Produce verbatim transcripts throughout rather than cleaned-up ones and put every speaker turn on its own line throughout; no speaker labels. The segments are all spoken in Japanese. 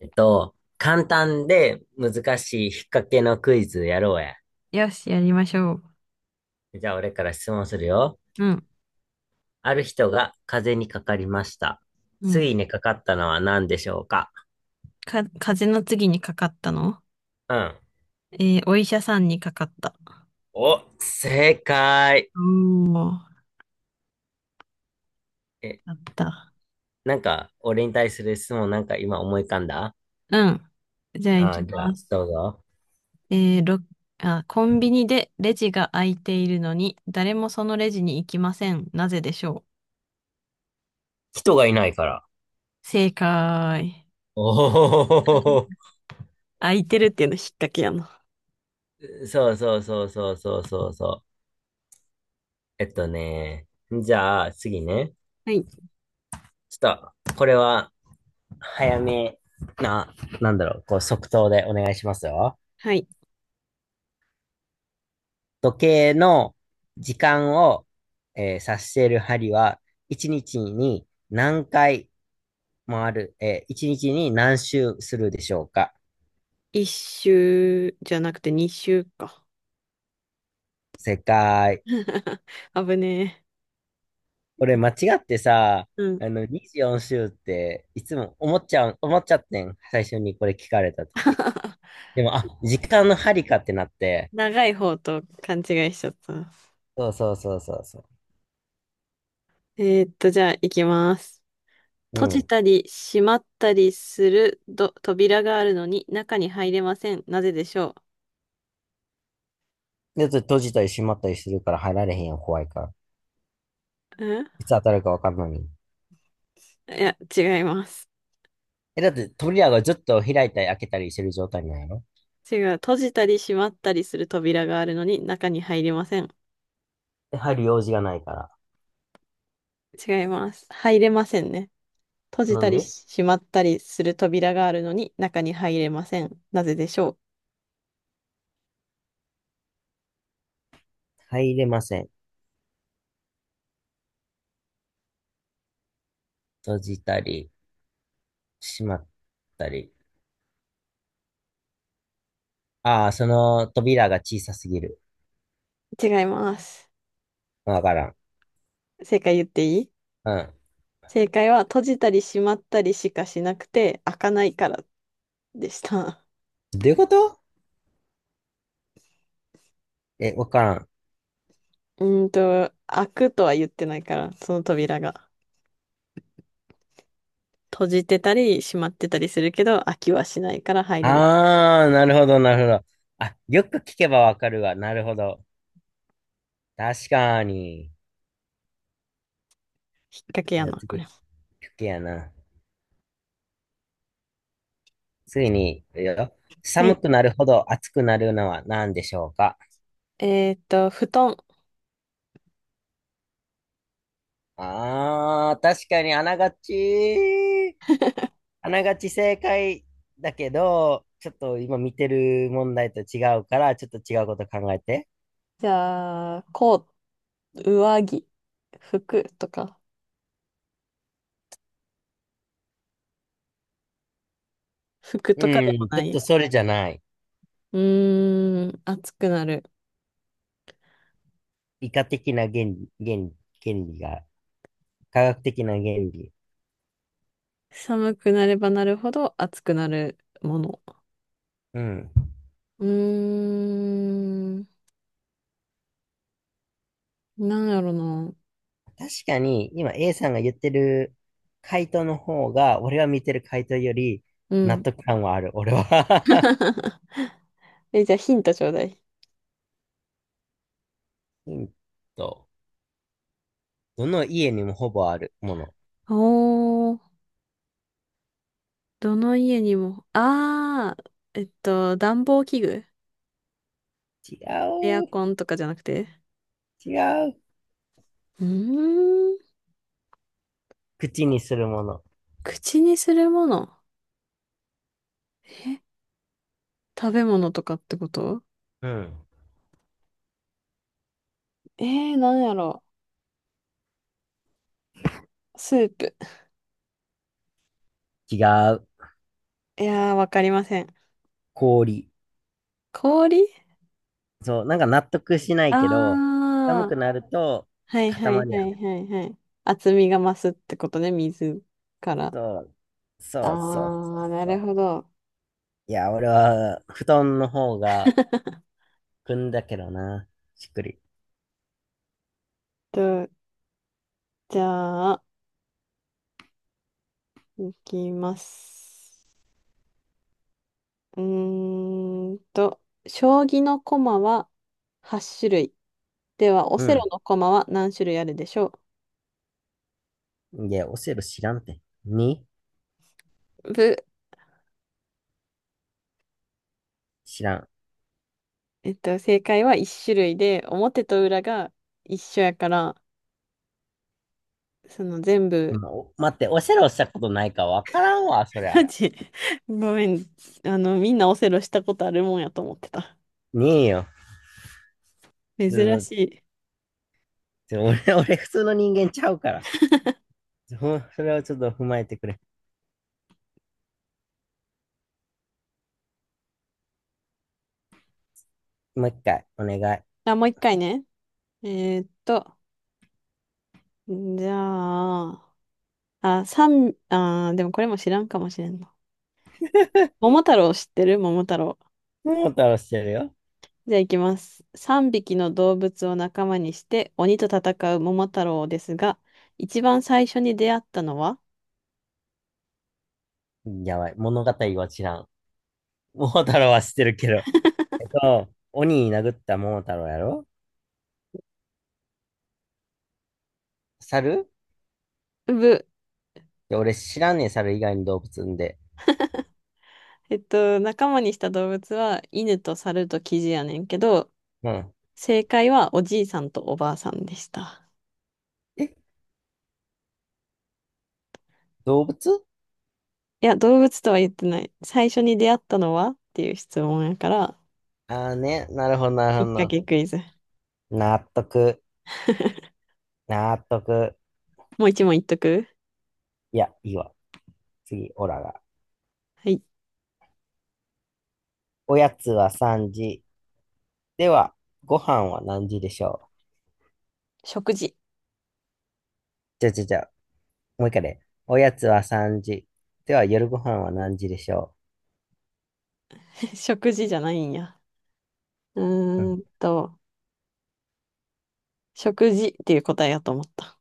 えっと、簡単で難しい引っ掛けのクイズやろうや。
よし、やりましょう。
じゃあ俺から質問するよ。
うん、
ある人が風邪にかかりました。
う
つい
ん。
にかかったのは何でしょうか？
か、風邪の次にかかったの？
うん。
えーお医者さんにかかった。
お、正解。
おー、
え、
あった。
なんか、俺に対する質問なんか今思い浮かんだ。
うん。じゃあ行
あ
き
ー、じゃ
ま
あ、
す。
どうぞ。
えー、ろ、あ、コンビニでレジが空いているのに、誰もそのレジに行きません。なぜでしょう？
人がいないから。
正解。
おお、
空いてるっていうの引っ掛けやな。
そうそうそうそうそうそうそう。えっとね、じゃあ次ね。
はい。
ちょっと、これは、早めな、なんだろう、こう即答でお願いしますよ。
はい。
時計の時間を、えー指している針は、いちにちにちに何回回る、えー、いちにちにちに何周するでしょうか？
一周じゃなくて二周か。
正解。
危ねえ。
俺
い
間違ってさ、
うん。
あの、にじゅうよん周っていつも思っちゃう、思っちゃってん。最初にこれ聞かれたとき。でも、あ、時間の針かってなって。
長い方と勘違いしちゃった。
そうそうそうそうそ
えーっと、じゃあ、行きます。
う。う
閉じ
ん。
たり閉まったりするど扉があるのに中に入れません。なぜでしょ
で、閉じたり閉まったりするから入られへんやん、怖いから。
う？うん、い
いつ当たるかわかんないのに。
や、違います。
え、だって扉がずっと開いたり開けたりしてる状態なんやろ？
違う。閉じたり閉まったりする扉があるのに中に入れません。
で、入る用事がないから。
違います。入れませんね。閉じ
な
た
ん
り
で
閉まったりする扉があるのに中に入れません。なぜでしょ
入れません。閉じたり、閉まったり。ああ、その扉が小さすぎる。
う？違います。
わからん。
正解言っていい？
うん。
正解は閉じたり閉まったりしかしなくて開かないからでした。
どういうこと？え、わからん。
うーんと、開くとは言ってないから、その扉が。閉じてたり、閉まってたりするけど、開きはしないから入れない。
ああ、なるほど、なるほど。あ、よく聞けばわかるわ。なるほど。確かに。
引っ掛け
じ
や
ゃあ
な、こ
次、聞
れは。
けやな。ついに、いくよ。
は
寒
い。
くなるほど暑くなるのは何でしょうか？
えっと、布団。
ああ、確かにあながち、あながち正解だけど、ちょっと今見てる問題と違うから、ちょっと違うこと考えて。
じゃあ、コート、上着、服とか。服とかで
う
も
ん、ち
な
ょっ
い。
とそれじゃない。
うーん、暑くなる。
理科的な原理、原理、原理が、科学的な原理。
寒くなればなるほど暑くなるもの。
うん。
うーん、なんやろな。
確かに、今 A さんが言ってる回答の方が、俺が見てる回答より
う
納
ん。
得感はある、俺は。
え、じゃあヒントちょうだい。
ヒント。どの家にもほぼあるもの。
おー。どの家にも、ああ、えっと、暖房器具。
違
エア
う、
コンとかじゃなくて。
違う。
うーん、
口にするもの。
口にするもの。え、食べ物とかってこと？
うん。
えー、なんやろう。スープ。
違う。
いやー、わかりません。
氷。
氷？
そう、なんか納得しないけど、
あ
寒
あ
く
ー、
なると
はいは
固
い
まる
は
やん。
いはいはい。厚みが増すってことね、水から。
そう、そうそうそう
ああ、な
そ
る
う。
ほど。
いや、俺は布団の方が組んだけどな。しっくり。
と、じゃあ、いきます。うーんと、将棋の駒ははち種類。では、オ
う
セロ
ん。
の駒は何種類あるでしょ
いや、オセロ知らんて。に
う？ぶ、
知らん。
えっと、正解はいっ種類で、表と裏が一緒やから、その全部、
今お待って、オセロしたことないかわからんわ、そり ゃ。
マジごめん。あの、みんなオセロしたことあるもんやと思ってた。
ねえよ。ち
珍
ょっと、
しい。
ちょ俺、俺普通の人間ちゃうから。ほそれをちょっと踏まえてくれ。もう一回、お願い。
あ、もう一回ね。えーっと、じゃあ、あ、三、あー、でもこれも知らんかもしれんな。桃太郎知ってる？桃太郎。
桃太郎してるよ。
じゃあ行きます。さんびきの動物を仲間にして鬼と戦う桃太郎ですが、一番最初に出会ったのは？
やばい。物語は知らん。桃太郎は知ってるけど。えっと、鬼に殴った桃太郎やろ？猿。
うぶ。
で俺知らんねえ、猿以外の動物んで。
えっと、仲間にした動物は犬と猿とキジやねんけど、
うん。
正解はおじいさんとおばあさんでした。
え、動物？
いや、動物とは言ってない。最初に出会ったのはっていう質問やから、
ああーね。なるほど、な
き
る
っ
ほ
か
ど。
けクイズ。
納得。納得。
もう一問言っとく？
いや、いいわ。次、オラが。
はい。
おやつはさんじ。では、ご飯は何時でしょう？
食事。
じゃじゃじゃ、もう一回で、おやつはさんじ。では、夜ご飯は何時でしょ
食事じゃないんや。う
う？う
ー
ん。
んと、食事っていう答えやと思った。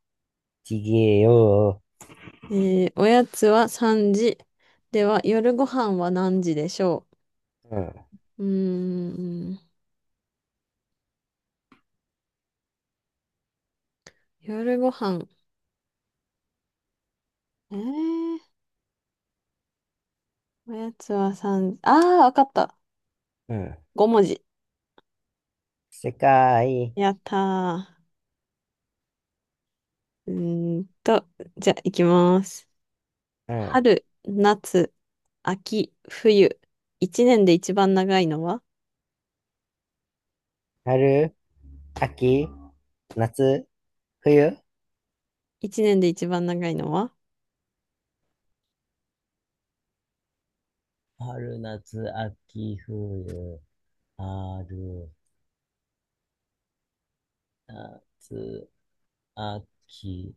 ちげえよ
えー、おやつはさんじ。では、夜ご飯は何時でしょ
ー。うん。
う？うーん、夜ご飯。えー、おやつはさんじ。あー、わかった。
うん。
ご文字。
世界、
やったー。うーんと、じゃあ、いきます。
うん。
春、夏、秋、冬。一年で一番長いのは？
春、秋、夏、冬。
一年で一番長いのは？
春、夏、秋、冬、春、夏、秋。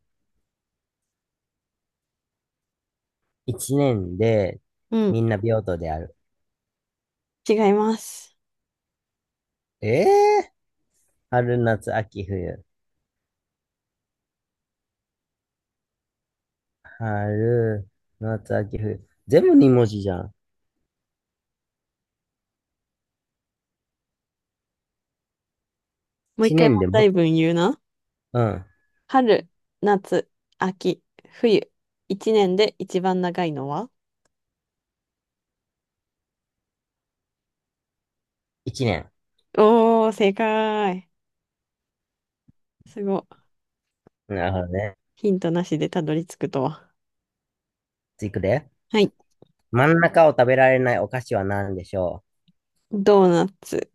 一年で
う
み
ん、
んな平等である。
違います。
ええー春、夏、秋、冬。春、夏、秋、冬。全部二文字じゃん。
もう一
一
回問
年で
題
も、
文言うな。
うん。
春、夏、秋、冬。一年で一番長いのは？
一年。
おー、正解。すごい。
なるほどね。
ヒントなしでたどり着くとは。
次行くで。
はい。
真ん中を食べられないお菓子は何でしょ
ドーナツ。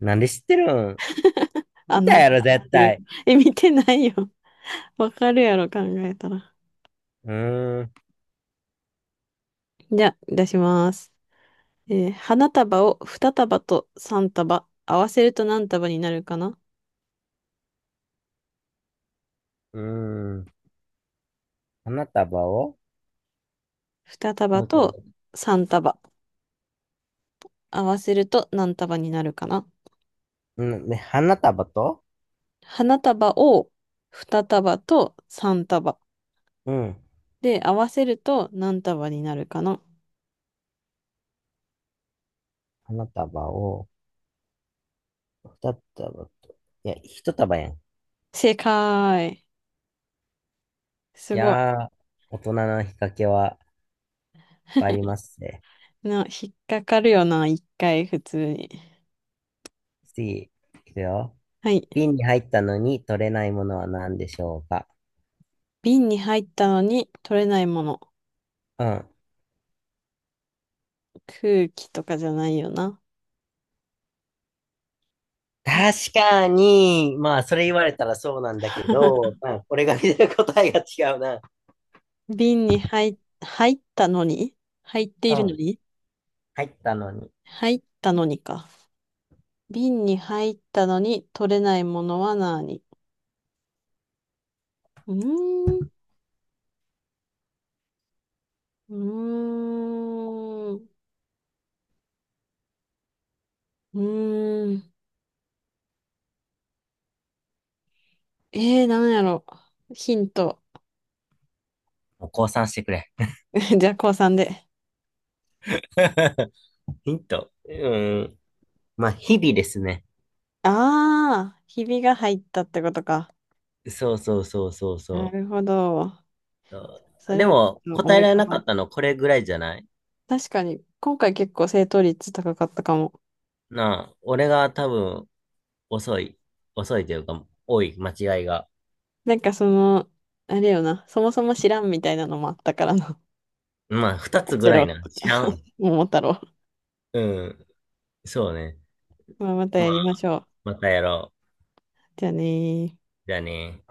う？なんで知ってるん？
あ、
見た
なんか
や
知っ
ろ、絶
てる。
対。
え、見てないよ。わかるやろ、考えたら。
うーん、
じゃあ、出します。えー花束をに束とさん束。合わせると何束になるかな
うーん。花束を、
?に 束
もう一
と
回。
さん束。合わせると何束になるかな？
うん、ね、花束と、
花束をに束とさん束。
うん。
で、合わせると何束になるかな。
花束を、二束と。いや、一束やん。い
正解。すごい。
やー、大人の引っ掛けはいっぱいありますね。
な、引っかかるよな、一回普通に。
次、いくよ。
はい。
瓶に入ったのに取れないものは何でしょうか？
瓶に入ったのに取れないもの。
うん。
空気とかじゃないよな。うん
確かに、まあ、それ言われたらそうなんだけど、うん、俺が見てる答えが違うな。
瓶に入、入ったのに入って
う
いるの
ん。
に
入ったのに。
入ったのにか。瓶に入ったのに取れないものは何？うーん。うーん。うーん。えー、なんやろ。ヒント。
もう降参してくれ。
じゃあ、高さんで。
ヒント。うん。まあ、日々ですね。
ああ、ひびが入ったってことか。
そうそうそうそう
な
そ
るほど。
う。
そ
あ、で
れはちょっ
も、
と
答
思
え
い浮
られ
か
な
ば
か
な
った
い。
のこれぐらいじゃない？
確かに、今回結構正答率高かったかも。
なあ、俺が多分、遅い。遅いというか、多い、間違いが。
なんかその、あれよな、そもそも知らんみたいなのもあったからな。
まあ、二
オ
つぐ
セ
らい
ロと
な。
か、
知ら ん。
桃太郎。
うん。そうね。
まあ、また
ま
や
あ、
りましょう。
またやろ
じゃあねー。
う。じゃあね。